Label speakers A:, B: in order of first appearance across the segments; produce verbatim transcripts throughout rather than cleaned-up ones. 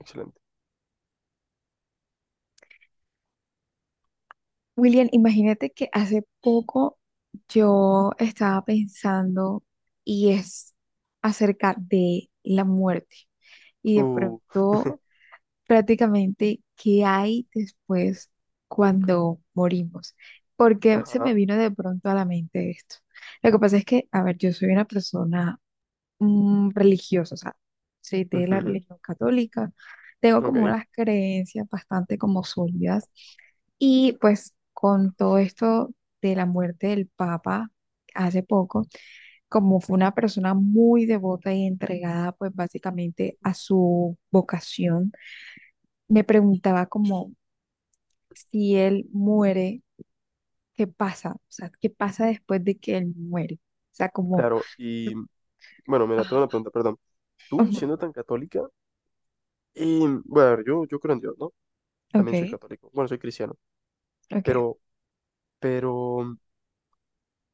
A: Excelente.
B: William, imagínate que hace poco yo estaba pensando y es acerca de la muerte y de
A: Uh,
B: pronto prácticamente qué hay después cuando morimos. Porque se me
A: ajá.
B: vino de pronto a la mente esto. Lo que pasa es que, a ver, yo soy una persona mm, religiosa, o sea, soy de la
A: Ujú,
B: religión católica, tengo
A: ok.
B: como unas creencias bastante como sólidas y pues con todo esto de la muerte del Papa hace poco, como fue una persona muy devota y entregada pues básicamente a su vocación, me preguntaba como si él muere, ¿qué pasa? O sea, ¿qué pasa después de que él muere? O sea, como,
A: Claro. Y bueno, mira, tengo una
B: ah,
A: pregunta, perdón. Tú,
B: ujú,
A: siendo tan católica, y bueno, a ver, yo, yo creo en Dios, ¿no?
B: ok,
A: También soy católico. Bueno, soy cristiano.
B: ok,
A: Pero, pero,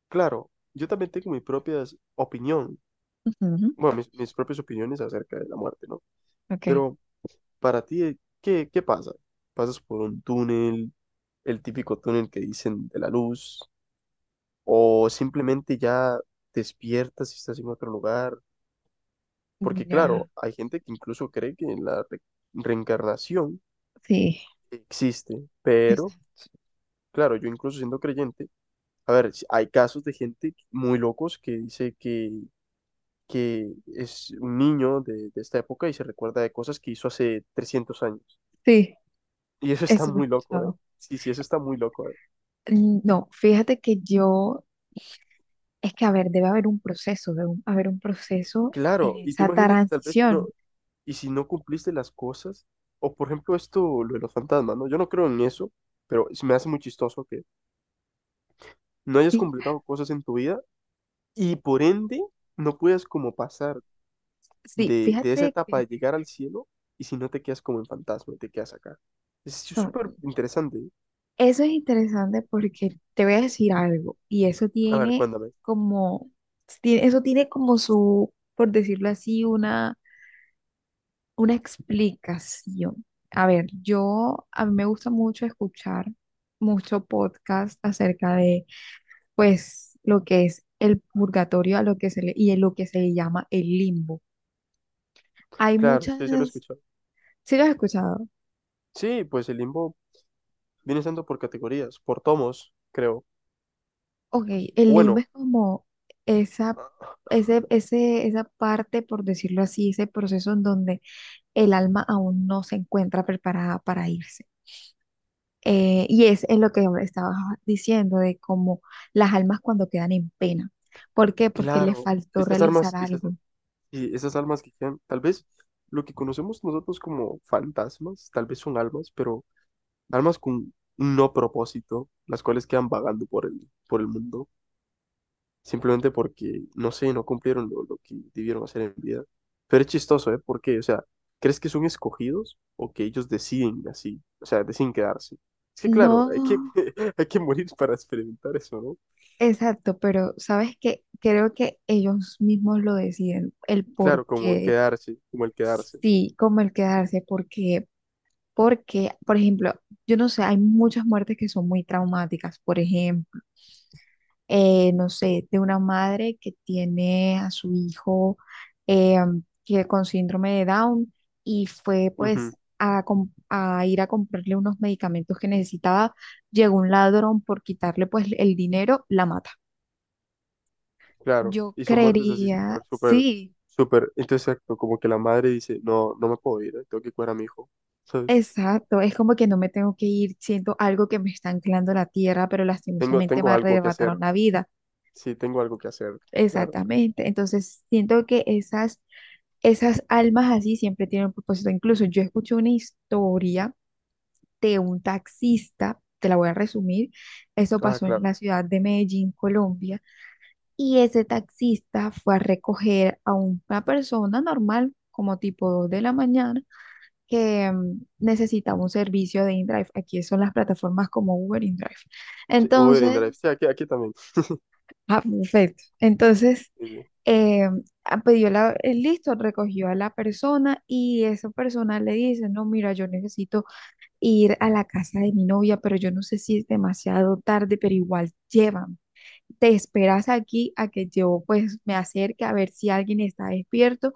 A: claro, yo también tengo mi propia opinión.
B: ujú,
A: Bueno, mis, mis propias opiniones acerca de la muerte, ¿no?
B: ok,
A: Pero para ti, ¿qué, qué pasa? ¿Pasas por un túnel, el típico túnel que dicen de la luz? ¿O simplemente ya despiertas y estás en otro lugar? Porque
B: ya,
A: claro, hay gente que incluso cree que la re- reencarnación
B: sí,
A: existe, pero
B: exacto,
A: claro, yo incluso siendo creyente, a ver, si- hay casos de gente muy locos que dice que, que es un niño de, de esta época y se recuerda de cosas que hizo hace trescientos años.
B: sí,
A: Y eso está
B: eso lo he
A: muy loco, ¿eh?
B: escuchado.
A: Sí, sí, eso está muy loco, ¿eh?
B: Mm, No, fíjate que yo. Es que, a ver, debe haber un proceso, debe un- haber un proceso en
A: Claro, y tú
B: esa
A: imagínate tal vez si no,
B: transición.
A: y si no cumpliste las cosas, o por ejemplo esto, lo de los fantasmas, ¿no? Yo no creo en eso, pero se me hace muy chistoso que no hayas
B: Sí,
A: completado cosas en tu vida. Y por ende, no puedes como pasar
B: sí,
A: de, de esa
B: fíjate
A: etapa
B: que
A: de llegar al cielo y si no te quedas como en fantasma te quedas acá. Es
B: no,
A: súper interesante, ¿eh?
B: eso es interesante porque te voy a decir algo y eso
A: A ver,
B: tiene
A: cuéntame.
B: como, tiene- eso tiene como su, por decirlo así, una, una explicación. A ver, yo, a mí me gusta mucho escuchar mucho podcast acerca de, pues, lo que es el purgatorio a lo que se le, y lo que se le llama el limbo. Hay
A: Claro, sí, se lo he
B: muchas.
A: escuchado.
B: ¿Sí lo has escuchado?
A: Sí, pues el limbo viene siendo por categorías, por tomos, creo.
B: Ok, el
A: O
B: limbo
A: bueno,
B: es como esa, ese, ese, esa parte, por decirlo así, ese proceso en donde el alma aún no se encuentra preparada para irse. Eh, y es, es lo que estabas diciendo, de cómo las almas cuando quedan en pena. ¿Por qué? Porque les
A: claro,
B: faltó
A: estas
B: realizar
A: armas, estas,
B: algo.
A: sí, esas almas que quedan, tal vez lo que conocemos nosotros como fantasmas, tal vez son almas, pero almas con no propósito, las cuales quedan vagando por el, por el mundo. Simplemente porque, no sé, no cumplieron lo, lo que debieron hacer en vida. Pero es chistoso, ¿eh? ¿Por qué? O sea, ¿crees que son escogidos o que ellos deciden así? O sea, deciden quedarse. Es que claro, hay que,
B: No,
A: hay que morir para experimentar eso, ¿no?
B: exacto, pero sabes que creo que ellos mismos lo deciden, el por
A: Claro, como
B: qué,
A: quedarse, como el quedarse.
B: sí, como el quedarse, porque Porque, por ejemplo, yo no sé, hay muchas muertes que son muy traumáticas. Por ejemplo, eh, no sé, de una madre que tiene a su hijo eh, que con síndrome de Down y fue
A: ¿No? Ujú,
B: pues a, com- a ir a comprarle unos medicamentos que necesitaba. Llegó un ladrón por quitarle pues el dinero, la mata.
A: claro.
B: Yo
A: Y son muertes así
B: creería,
A: súper, súper,
B: sí,
A: súper. Entonces, exacto, como que la madre dice, no, no me puedo ir, ¿eh? Tengo que cuidar a mi hijo, ¿sabes?
B: exacto, es como que no me tengo que ir, siento algo que me está anclando a la tierra, pero
A: Tengo,
B: lastimosamente me
A: tengo algo que hacer.
B: arrebataron la vida.
A: Sí, tengo algo que hacer. Claro, claro.
B: Exactamente. Entonces, siento que esas, esas almas así siempre tienen un propósito. Incluso yo escuché una historia de un taxista, te la voy a resumir. Eso
A: Ah,
B: pasó en
A: claro.
B: la ciudad de Medellín, Colombia. Y ese taxista fue a recoger a una persona normal, como tipo dos de la mañana, que mm, necesitaba un servicio de InDrive. Aquí son las plataformas como Uber InDrive.
A: Sí, Uber Drive.
B: Entonces,
A: Sí, aquí, aquí también.
B: ah, perfecto. Entonces
A: Sí, sí.
B: eh, ah, pidió la, eh, listo, recogió a la persona y esa persona le dice, no, mira, yo necesito ir a la casa de mi novia, pero yo no sé si es demasiado tarde, pero igual llevan. Te esperas aquí a que yo pues me acerque a ver si alguien está despierto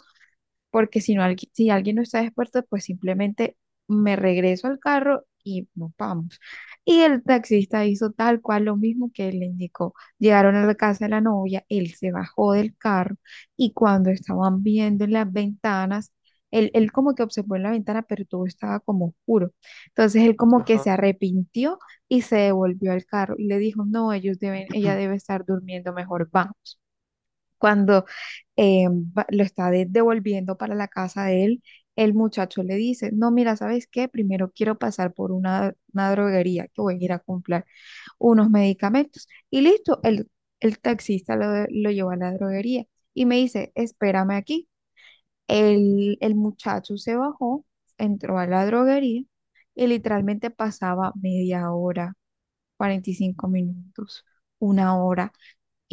B: porque si no, algui- si alguien no está despierto, pues simplemente me regreso al carro y nos vamos. Y el taxista hizo tal cual lo mismo que él le indicó. Llegaron a la casa de la novia, él se bajó del carro y cuando estaban viendo en las ventanas, él, él como que observó en la ventana, pero todo estaba como oscuro. Entonces él como que se
A: Ajá.
B: arrepintió y se devolvió al carro y le dijo, no, ellos deben, ella debe estar durmiendo, mejor vamos. Cuando eh, va- lo está de- devolviendo para la casa de él, el muchacho le dice, no, mira, ¿sabes qué? Primero quiero pasar por una, una droguería que voy a ir a comprar unos medicamentos. Y listo, el, el taxista lo, lo llevó a la droguería y me dice, espérame aquí. El, el muchacho se bajó, entró a la droguería y literalmente pasaba media hora, cuarenta y cinco minutos, una hora,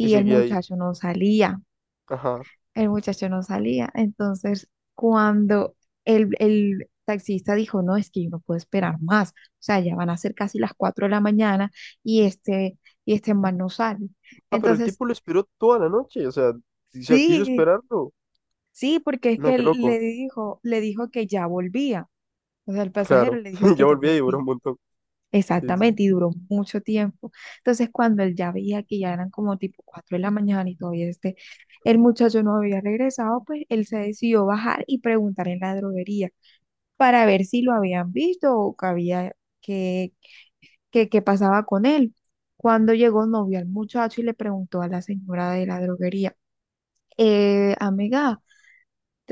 A: Y
B: el
A: seguía ahí.
B: muchacho no salía,
A: Ajá.
B: el muchacho no salía. Entonces, cuando el, el taxista dijo, no, es que yo no puedo esperar más, o sea, ya van a ser casi las cuatro de la mañana y este, y este man no sale.
A: Ah, pero el
B: Entonces,
A: tipo lo esperó toda la noche. O sea, o sea, quiso
B: sí,
A: esperarlo.
B: sí, porque es que
A: No, qué
B: él le
A: loco.
B: dijo, le dijo que ya volvía, o sea, el pasajero
A: Claro.
B: le dijo
A: Ya
B: que ya
A: volví a llorar
B: volvía.
A: un montón. Sí, sí.
B: Exactamente, y duró mucho tiempo. Entonces, cuando él ya veía que ya eran como tipo cuatro de la mañana y todavía este, el muchacho no había regresado, pues él se decidió bajar y preguntar en la droguería para ver si lo habían visto o que había, que, que, que pasaba con él. Cuando llegó, no vio al muchacho y le preguntó a la señora de la droguería: "Eh, amiga,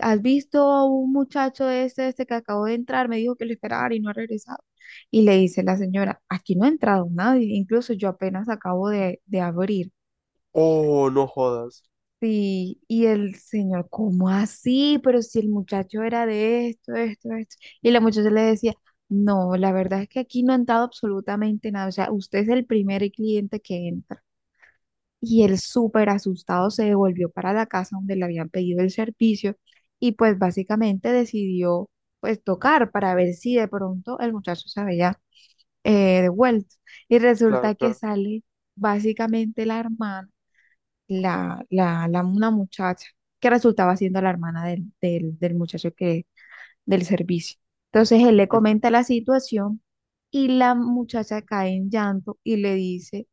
B: ¿has visto a un muchacho este, este que acabó de entrar? Me dijo que lo esperara y no ha regresado". Y le dice la señora, aquí no ha entrado nadie, incluso yo apenas acabo de, de abrir.
A: Oh, no jodas.
B: Sí, y el señor, ¿cómo así? Pero si el muchacho era de esto, esto, esto. Y la muchacha le decía, no, la verdad es que aquí no ha entrado absolutamente nada. O sea, usted es el primer cliente que entra. Y él súper asustado se devolvió para la casa donde le habían pedido el servicio y pues básicamente decidió pues tocar para ver si de pronto el muchacho se había eh, devuelto. Y
A: Claro,
B: resulta que
A: claro.
B: sale básicamente la hermana, la, la, la, una muchacha que resultaba siendo la hermana del, del, del muchacho que, del servicio. Entonces él le
A: Ujú.
B: comenta la situación y la muchacha cae en llanto y le dice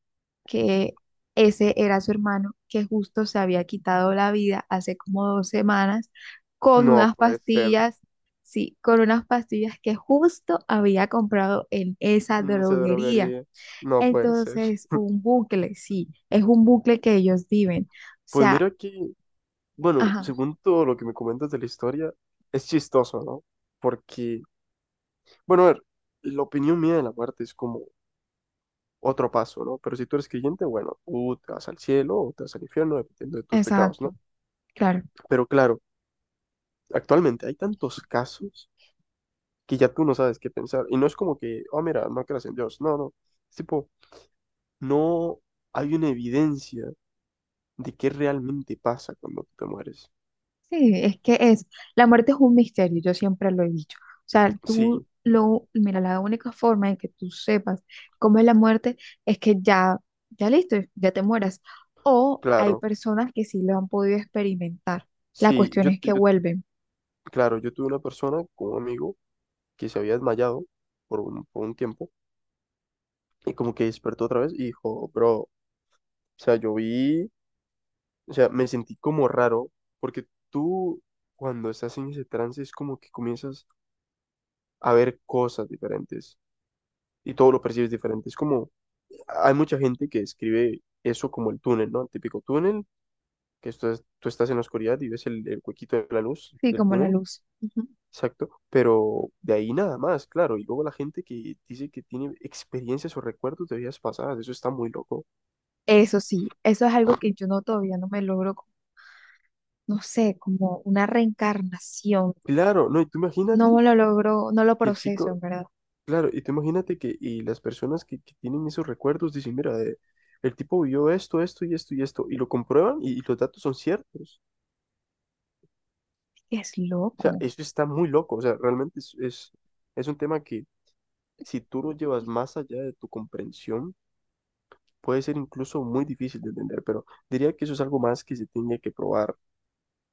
B: que ese era su hermano, que justo se había quitado la vida hace como dos semanas con
A: No
B: unas
A: puede ser.
B: pastillas, sí, con unas pastillas que justo había comprado en esa
A: En esa
B: droguería.
A: droguería. No puede ser.
B: Entonces, un bucle, sí, es un bucle que ellos viven. O
A: Pues
B: sea,
A: mira que, bueno,
B: ajá,
A: según todo lo que me comentas de la historia, es chistoso, ¿no? Porque, bueno, a ver, la opinión mía de la muerte es como otro paso, ¿no? Pero si tú eres creyente, bueno, tú te vas al cielo o te vas al infierno, dependiendo de tus pecados,
B: exacto,
A: ¿no?
B: claro.
A: Pero claro, actualmente hay tantos casos que ya tú no sabes qué pensar. Y no es como que, oh, mira, no creas en Dios. No, no. Es tipo, no hay una evidencia de qué realmente pasa cuando tú te mueres.
B: Sí, es que es, la muerte es un misterio, yo siempre lo he dicho. O sea,
A: Sí,
B: tú lo, mira, la única forma en que tú sepas cómo es la muerte es que ya, ya listo, ya te mueras. O hay
A: claro.
B: personas que sí lo han podido experimentar. La
A: Sí,
B: cuestión
A: yo,
B: es que
A: yo,
B: vuelven,
A: claro, yo tuve una persona con un amigo que se había desmayado por un, por un tiempo y como que despertó otra vez y dijo, bro, o sea, yo vi. O sea, me sentí como raro porque tú cuando estás en ese trance es como que comienzas a ver cosas diferentes y todo lo percibes diferente. Es como, hay mucha gente que escribe eso como el túnel, ¿no? El típico túnel, que esto es- tú estás en la oscuridad y ves el, el huequito de la luz
B: sí,
A: del
B: como la
A: túnel,
B: luz. Ujú.
A: exacto, pero de ahí nada más, claro. Y luego la gente que dice que tiene experiencias o recuerdos de vidas pasadas, eso está muy loco.
B: Eso sí, eso es algo que yo no, todavía no me logro, co- no sé, como una reencarnación.
A: Claro, no, y tú imagínate
B: No
A: que
B: lo logro, no lo
A: el
B: proceso,
A: chico.
B: en verdad.
A: Claro, y tú imagínate que y las personas que, que tienen esos recuerdos dicen, mira, eh, el tipo vio esto, esto y esto y esto, y lo comprueban y, y los datos son ciertos.
B: Es
A: O sea,
B: loco.
A: eso está muy loco, o sea, realmente es, es, es un tema que si tú lo llevas más allá de tu comprensión, puede ser incluso muy difícil de entender, pero diría que eso es algo más que se tiene que probar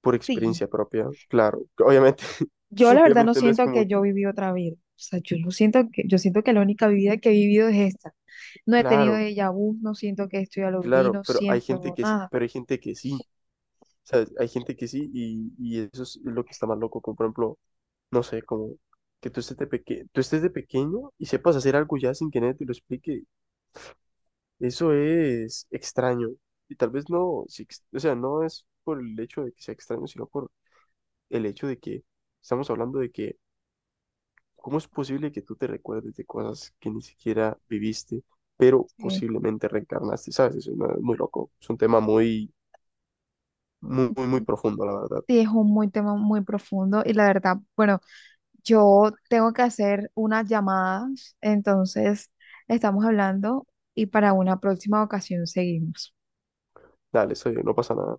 A: por
B: Sí,
A: experiencia propia, claro, obviamente,
B: yo la verdad no
A: obviamente no es
B: siento que
A: como,
B: yo viví otra vida. O sea, yo no siento que, yo siento que la única vida que he vivido es esta. No he tenido
A: claro,
B: déjà vu, no siento que esto ya lo viví,
A: claro,
B: no
A: pero hay gente
B: siento
A: que sí,
B: nada.
A: pero hay gente que sí. O sea, hay gente que sí, y, y eso es lo que está más loco, como por ejemplo, no sé, como que tú estés de peque- tú estés de pequeño y sepas hacer algo ya sin que nadie te lo explique, eso es extraño. Y tal vez no, si ex- o sea, no es por el hecho de que sea extraño, sino por el hecho de que estamos hablando de que, ¿cómo es posible que tú te recuerdes de cosas que ni siquiera viviste, pero
B: Eh,
A: posiblemente reencarnaste? ¿Sabes? Eso es una- muy loco, es un tema muy, muy, muy, muy profundo, la verdad.
B: sí, es un muy tema muy profundo y la verdad, bueno, yo tengo que hacer unas llamadas, entonces estamos hablando y para una próxima ocasión seguimos.
A: Dale, eso no pasa nada.